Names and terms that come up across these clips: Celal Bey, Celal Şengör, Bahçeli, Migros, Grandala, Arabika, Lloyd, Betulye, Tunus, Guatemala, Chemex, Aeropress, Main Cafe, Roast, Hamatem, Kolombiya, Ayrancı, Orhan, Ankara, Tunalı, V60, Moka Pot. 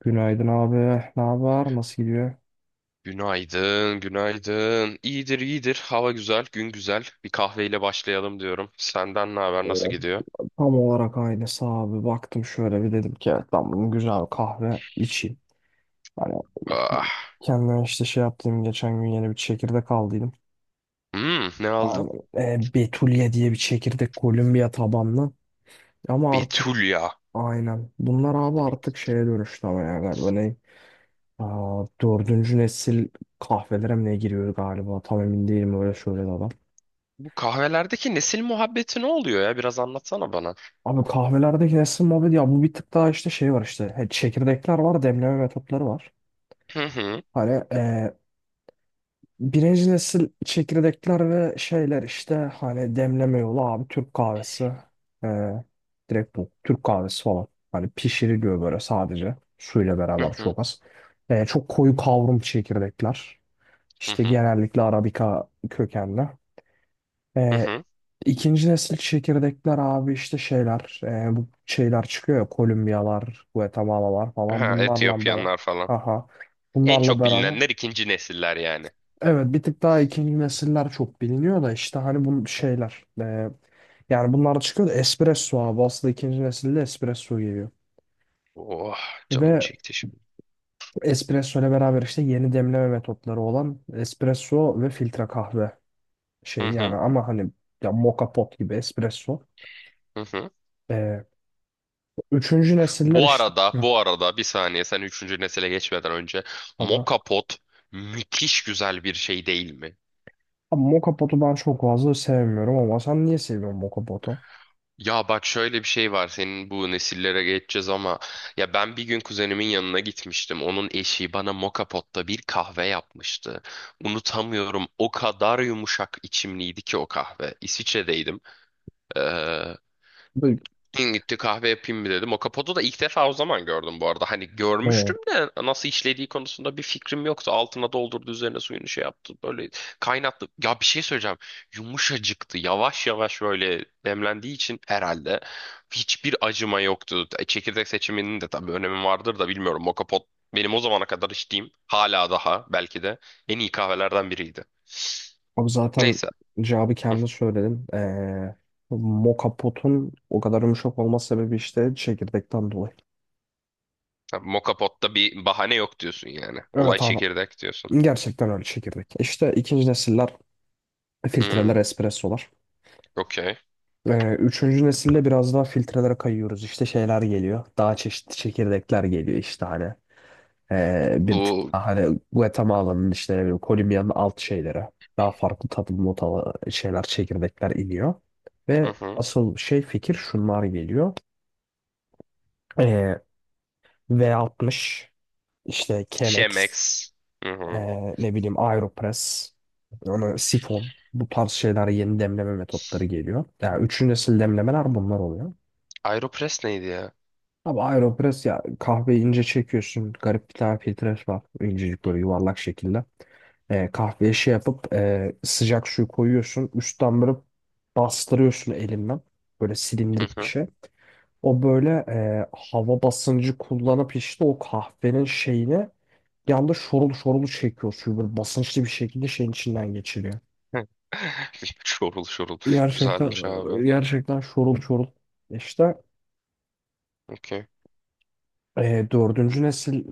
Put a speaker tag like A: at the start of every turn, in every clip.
A: Günaydın abi. Ne haber? Nasıl gidiyor?
B: Günaydın, günaydın. İyidir, iyidir. Hava güzel, gün güzel. Bir kahveyle başlayalım diyorum. Senden ne
A: Ee,
B: haber, nasıl gidiyor?
A: Tam olarak aynısı abi. Baktım şöyle bir dedim ki evet ben bugün güzel bir kahve içeyim. Hani
B: Ah.
A: kendime işte şey yaptım. Geçen gün yeni bir çekirdek aldıydım.
B: Hmm, ne aldın?
A: Aynen. Betulye diye bir çekirdek Kolombiya tabanlı. Ama artık
B: Betulya.
A: aynen. Bunlar abi artık şeye dönüştü ama ya galiba ne? Dördüncü nesil kahvelere mi ne giriyor galiba? Tam emin değilim öyle söyledi adam.
B: Bu kahvelerdeki nesil muhabbeti ne oluyor ya? Biraz anlatsana bana.
A: Abi kahvelerde kesin muhabbet ya bu bir tık daha işte şey var işte çekirdekler var demleme metotları var.
B: Hı hı,
A: Hani birinci nesil çekirdekler ve şeyler işte hani demleme yolu abi Türk kahvesi. E, direkt bu Türk kahvesi falan. Hani pişiriliyor böyle sadece suyla
B: hı
A: beraber
B: hı,
A: çok az. Çok koyu kavrum çekirdekler
B: hı
A: işte
B: hı,
A: genellikle Arabika kökenli.
B: hı
A: E,
B: hı.
A: ikinci nesil çekirdekler abi işte şeyler bu şeyler çıkıyor ya Kolombiyalar, Guatemala'lar falan
B: Ha,
A: bunlarla beraber.
B: Etiyopyanlar falan.
A: Aha.
B: En
A: Bunlarla
B: çok
A: beraber.
B: bilinenler ikinci nesiller yani.
A: Evet bir tık daha ikinci nesiller çok biliniyor da işte hani bu şeyler. Yani bunlar çıkıyor da espresso abi aslında ikinci nesilde espresso geliyor.
B: Oh, canım
A: Ve
B: çekti şimdi.
A: espresso ile beraber işte yeni demleme metotları olan espresso ve filtre kahve
B: Hı
A: şeyi yani
B: hı,
A: ama hani ya moka pot gibi espresso.
B: hı hı.
A: e, Üçüncü nesiller
B: Bu
A: işte.
B: arada,
A: Hı,
B: bu arada bir saniye sen üçüncü nesile geçmeden önce
A: tamam.
B: Moka Pot müthiş güzel bir şey değil mi?
A: Ama Moka Pot'u ben çok fazla sevmiyorum ama sen niye seviyorsun Moka Pot'u?
B: Ya bak şöyle bir şey var senin bu nesillere geçeceğiz ama ya ben bir gün kuzenimin yanına gitmiştim. Onun eşi bana Moka Pot'ta bir kahve yapmıştı. Unutamıyorum, o kadar yumuşak içimliydi ki o kahve. İsviçre'deydim. Ee,
A: Böyle-
B: Din gitti, kahve yapayım mı dedim. O kapotu da ilk defa o zaman gördüm bu arada. Hani
A: Hı.
B: görmüştüm de nasıl işlediği konusunda bir fikrim yoktu. Altına doldurdu, üzerine suyunu şey yaptı. Böyle kaynattı. Ya, bir şey söyleyeceğim. Yumuşacıktı. Yavaş yavaş böyle demlendiği için herhalde hiçbir acıma yoktu. Çekirdek seçiminin de tabii önemi vardır da bilmiyorum. O kapot benim o zamana kadar içtiğim, hala daha belki de en iyi kahvelerden biriydi.
A: Abi zaten
B: Neyse.
A: cevabı
B: Hı.
A: kendi söyledim. Moka Pot'un o kadar yumuşak olma sebebi işte çekirdekten dolayı.
B: Moka potta bir bahane yok diyorsun yani. Olay
A: Evet abi.
B: çekirdek diyorsun.
A: Gerçekten öyle çekirdek. İşte ikinci nesiller filtreler,
B: Hmm.
A: espressolar.
B: Okey.
A: Üçüncü nesilde biraz daha filtrelere kayıyoruz. İşte şeyler geliyor. Daha çeşitli çekirdekler geliyor işte hani. Bir tık
B: Bu
A: daha hani Guatemala'nın işte ne bileyim Kolombiya'nın alt şeyleri. Daha farklı tadım notalı şeyler çekirdekler iniyor.
B: hı
A: Ve
B: hı.
A: asıl şey fikir şunlar geliyor. Ee, V60 işte Chemex
B: Chemex. Hı hı.
A: ne bileyim Aeropress onu sifon bu tarz şeyler yeni demleme metotları geliyor. Yani üçüncü nesil demlemeler bunlar oluyor.
B: Aeropress neydi ya?
A: Abi Aeropress ya kahveyi ince çekiyorsun. Garip bir tane filtre var. İncecik böyle yuvarlak şekilde. Kahveye şey yapıp sıcak suyu koyuyorsun. Üstten böyle bastırıyorsun elinden. Böyle
B: Hı
A: silindirik bir
B: hı.
A: şey. O böyle hava basıncı kullanıp işte o kahvenin şeyini yanda şorul şorul çekiyor suyu. Böyle basınçlı bir şekilde şeyin içinden geçiriyor.
B: Hı. Şorul şorul.
A: Gerçekten
B: Güzelmiş
A: e,
B: abi.
A: gerçekten şorul şorul. İşte
B: Okey.
A: Dördüncü nesil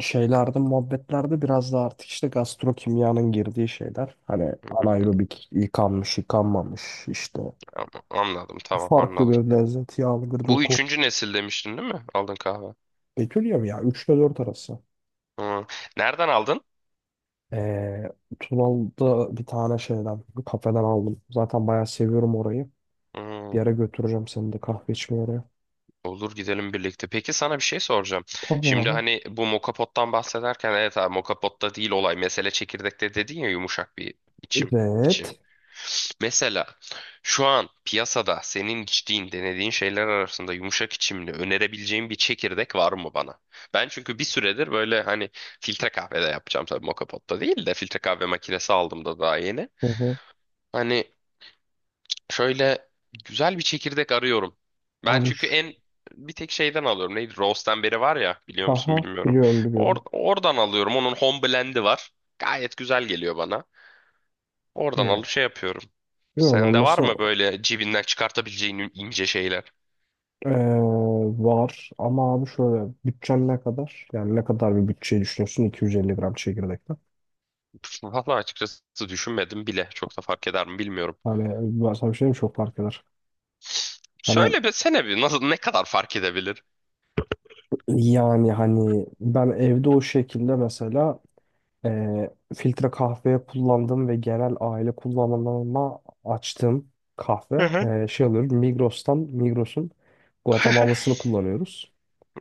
A: şeylerde, muhabbetlerde biraz da artık işte gastrokimyanın girdiği şeyler. Hani
B: Hı hı.
A: anaerobik yıkanmış, yıkanmamış işte
B: Ama anladım, tamam,
A: farklı
B: anladım.
A: bir lezzet, yağlı bir
B: Bu
A: doku.
B: üçüncü nesil demiştin değil mi? Aldın kahve.
A: Bekliyor mu ya? 3 ile 4 arası.
B: Hı. Nereden aldın?
A: E, Tunalı'da bir tane şeyden, bir kafeden aldım. Zaten bayağı seviyorum orayı. Bir
B: Hı.
A: yere götüreceğim seni de kahve içmeye oraya.
B: Olur, gidelim birlikte. Peki, sana bir şey soracağım.
A: Tabii
B: Şimdi
A: abi.
B: hani bu mokapottan bahsederken, evet abi mokapotta değil olay, mesele çekirdekte dedin ya, yumuşak bir içim için.
A: Evet.
B: Mesela şu an piyasada senin içtiğin, denediğin şeyler arasında yumuşak içimli önerebileceğin bir çekirdek var mı bana? Ben çünkü bir süredir böyle hani filtre kahve de yapacağım, tabii moka potta değil de filtre kahve makinesi aldım da daha yeni.
A: Hı hı.
B: Hani şöyle güzel bir çekirdek arıyorum. Ben çünkü
A: Almış.
B: en bir tek şeyden alıyorum. Neydi? Roast'tan beri var ya, biliyor musun
A: Aha,
B: bilmiyorum.
A: biliyorum biliyorum.
B: Oradan alıyorum. Onun home blend'i var. Gayet güzel geliyor bana. Oradan
A: Hı.
B: alıp şey yapıyorum.
A: Biliyorum ben
B: Sende var
A: mesela.
B: mı böyle cibinden çıkartabileceğin ince şeyler?
A: Ee, Var ama abi şöyle bütçen ne kadar? Yani ne kadar bir bütçeyi düşünüyorsun 250 gram çekirdekten?
B: Valla açıkçası düşünmedim bile. Çok da fark eder mi bilmiyorum.
A: Hani ben sana bir şey diyeyim mi? Çok fark eder. Hani
B: Söyle be, sene bir nasıl, ne kadar fark edebilir?
A: yani hani ben evde o şekilde mesela filtre kahveye kullandım ve genel aile kullanımına açtığım kahve
B: Hı hı.
A: şey alıyorum Migros'tan Migros'un Guatemala'sını kullanıyoruz.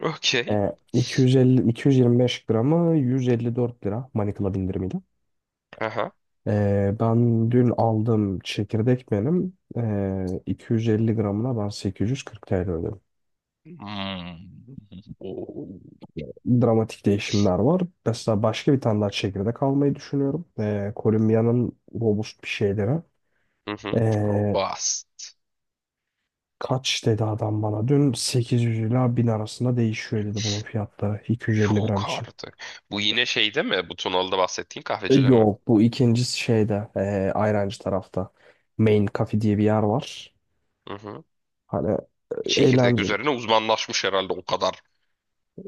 B: Okey.
A: 250 225 gramı 154 lira Manikla indirimiyle.
B: Aha.
A: Ben dün aldım çekirdek benim. 250 gramına ben 840 TL ödedim.
B: Hmm. Oo.
A: Dramatik değişimler var. Mesela başka bir tane daha çekirdek almayı düşünüyorum. Kolombiya'nın robust bir şeyleri.
B: Hı hı.
A: Ee,
B: Robust.
A: Kaç dedi adam bana? Dün 800 ila 1000 arasında değişiyor dedi bunun fiyatları 250 gram
B: Yok
A: için.
B: artık. Bu yine şey değil mi? Bu Tunalı'da bahsettiğin kahvecide mi?
A: Yok bu ikinci şeyde Ayrancı tarafta. Main Cafe diye bir yer var.
B: Hı hı.
A: Hani
B: Çekirdek
A: eğlenceli.
B: üzerine uzmanlaşmış herhalde o kadar.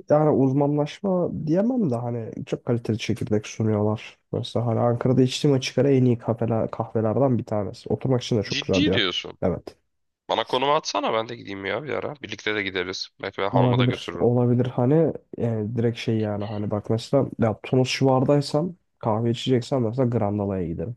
A: Yani uzmanlaşma diyemem de hani çok kaliteli çekirdek sunuyorlar. Mesela hani Ankara'da içtiğim açık ara en iyi kafeler, kahvelerden bir tanesi. Oturmak için de çok güzel bir
B: Ciddi
A: yer.
B: diyorsun.
A: Evet.
B: Bana konumu atsana, ben de gideyim ya bir ara. Birlikte de gideriz. Belki ben hanıma da
A: Olabilir.
B: götürürüm.
A: Olabilir. Hani direkt şey yani hani bak mesela ya Tunus civardaysam kahve içeceksem mesela Grandala'ya giderim.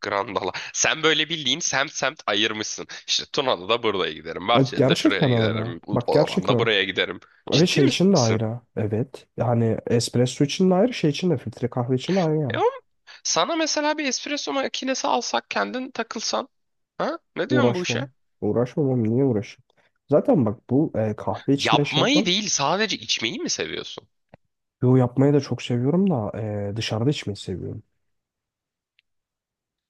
B: Grandala. Sen böyle bildiğin semt semt ayırmışsın. İşte Tuna'da da buraya giderim.
A: Ay,
B: Bahçeli'de
A: gerçekten
B: şuraya
A: öyle.
B: giderim.
A: Bak gerçekten
B: Orhan'da
A: öyle.
B: buraya giderim.
A: Ve
B: Ciddi
A: şey için de
B: misin?
A: ayrı. Evet. Yani espresso için de ayrı, şey için de filtre kahve için de ayrı yani.
B: Oğlum, sana mesela bir espresso makinesi alsak, kendin takılsan. Ha? Ne diyorsun bu
A: Uğraşmam.
B: işe?
A: Uğraşmam oğlum niye uğraşayım? Zaten bak bu kahve içme şey
B: Yapmayı
A: yapmam.
B: değil, sadece içmeyi mi seviyorsun?
A: Yo yapmayı da çok seviyorum da dışarıda içmeyi seviyorum.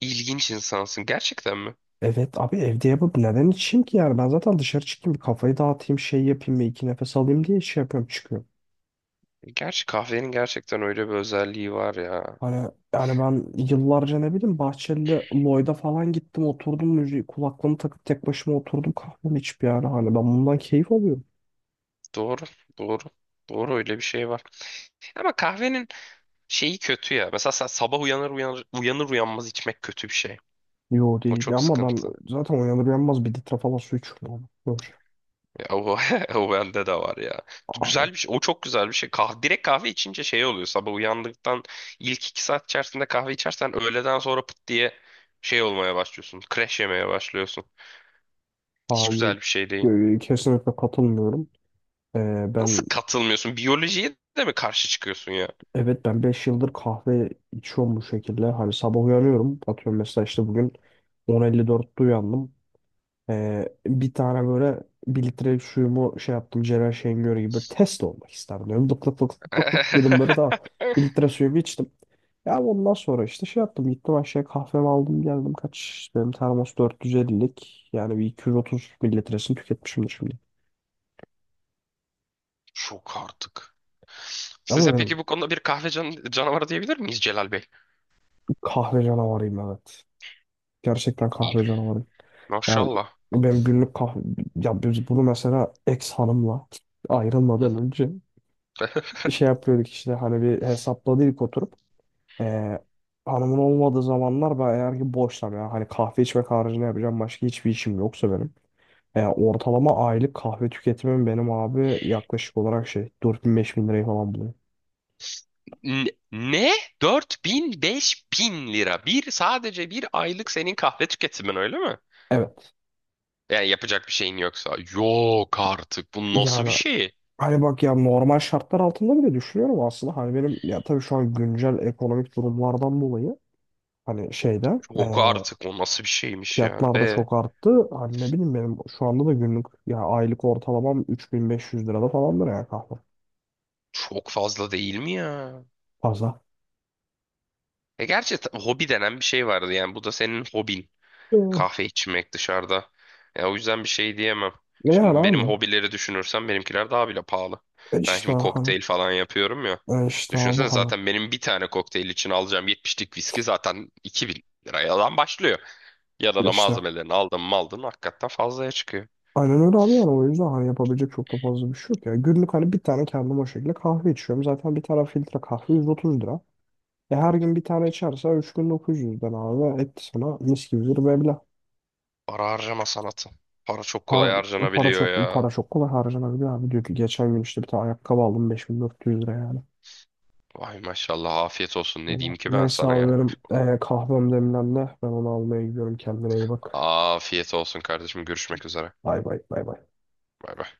B: İlginç insansın. Gerçekten mi?
A: Evet abi evde yapıp neden içeyim ki yani ben zaten dışarı çıkayım bir kafayı dağıtayım şey yapayım bir iki nefes alayım diye şey yapıyorum çıkıyorum.
B: Gerçi kahvenin gerçekten öyle bir özelliği var ya.
A: Hani yani ben yıllarca ne bileyim Bahçeli'de Lloyd'a falan gittim oturdum müziği kulaklığımı takıp tek başıma oturdum kahvemi içip yani hani ben bundan keyif alıyorum.
B: Doğru, doğru. Doğru, öyle bir şey var. Ama kahvenin şeyi kötü ya. Mesela sen sabah uyanır uyanmaz içmek kötü bir şey.
A: Yo
B: O
A: değil
B: çok
A: ama ben
B: sıkıntı.
A: zaten uyanır uyanmaz bir litre falan su içiyorum,
B: Ya o, o bende de var ya.
A: abi.
B: Güzel bir şey. O çok güzel bir şey. Kahve, direkt kahve içince şey oluyor. Sabah uyandıktan ilk iki saat içerisinde kahve içersen, öğleden sonra pıt diye şey olmaya başlıyorsun. Crash yemeye başlıyorsun. Hiç
A: Hayır,
B: güzel bir şey değil.
A: kesinlikle katılmıyorum.
B: Nasıl
A: Ben
B: katılmıyorsun? Biyolojiye de mi karşı çıkıyorsun ya?
A: evet ben 5 yıldır kahve içiyorum bu şekilde. Hani sabah uyanıyorum. Atıyorum mesela işte bugün 10.54'te uyandım. Bir tane böyle bir litre suyumu şey yaptım. Celal Şengör gibi test olmak isterdim. Diyorum. Lık lık lık lık lık lık dedim böyle daha bir litre suyumu içtim. Ya ondan sonra işte şey yaptım. Gittim aşağıya kahvemi aldım geldim. Kaç işte benim termos 450'lik. Yani bir 230 mililitresini tüketmişimdir şimdi.
B: Çok artık.
A: Ama
B: Size
A: benim.
B: peki bu konuda bir kahve canavarı diyebilir miyiz Celal Bey?
A: Kahve canavarıyım evet. Gerçekten
B: İyi.
A: kahve canavarıyım. Yani
B: Maşallah.
A: benim günlük kahve... Ya biz bunu mesela ex hanımla
B: Hı
A: ayrılmadan
B: hı.
A: önce şey yapıyorduk işte hani bir hesapladık oturup. Ee, Hanımın olmadığı zamanlar ben eğer ki boşsam yani hani kahve içmek haricinde yapacağım başka hiçbir işim yoksa benim. Ortalama aylık kahve tüketimim benim abi yaklaşık olarak şey 4.000-5.000 lirayı falan buluyor.
B: Ne? 4.000 5.000 lira. Bir, sadece bir aylık senin kahve tüketimin öyle mi?
A: Evet.
B: Yani yapacak bir şeyin yoksa. Yok artık. Bu nasıl
A: Yani
B: bir şey?
A: hani bak ya normal şartlar altında bile düşünüyorum aslında. Hani benim ya tabii şu an güncel ekonomik durumlardan dolayı hani şeyde
B: Yok artık. O nasıl bir şeymiş ya?
A: fiyatlar da çok arttı. Hani ne bileyim benim şu anda da günlük ya aylık ortalamam 3.500 lirada falandır ya kahve.
B: Çok fazla değil mi ya?
A: Fazla.
B: Gerçi hobi denen bir şey vardı yani. Bu da senin hobin.
A: Oh.
B: Kahve içmek dışarıda. Ya, o yüzden bir şey diyemem.
A: E yani
B: Şimdi benim
A: abi.
B: hobileri düşünürsem benimkiler daha bile pahalı.
A: E
B: Ben
A: işte
B: şimdi
A: hani.
B: kokteyl falan yapıyorum ya.
A: E işte abi
B: Düşünsene,
A: hani.
B: zaten benim bir tane kokteyl için alacağım 70'lik viski zaten 2.000 liradan başlıyor.
A: E
B: Yanına
A: işte.
B: malzemelerini aldın mı, aldın, hakikaten fazlaya çıkıyor.
A: Aynen öyle abi yani o yüzden hani yapabilecek çok da fazla bir şey yok ya. Günlük hani bir tane kendim o şekilde kahve içiyorum. Zaten bir tane filtre kahve 130 lira. E her gün bir tane içerse 3 gün 900'den abi etti sana mis gibi bir meblağ.
B: Para harcama sanatı. Para çok kolay
A: Para, para
B: harcanabiliyor
A: çok para
B: ya.
A: çok kolay harcanabiliyor abi. Diyor ki geçen gün işte bir tane ayakkabı aldım 5.400 lira yani.
B: Vay maşallah, afiyet olsun, ne
A: Valla.
B: diyeyim ki ben
A: Neyse
B: sana
A: abi
B: ya.
A: benim kahvem demlendi. Ben onu almaya gidiyorum. Kendine iyi bak.
B: Afiyet olsun kardeşim, görüşmek üzere.
A: Bay bay bay bay.
B: Bay bay.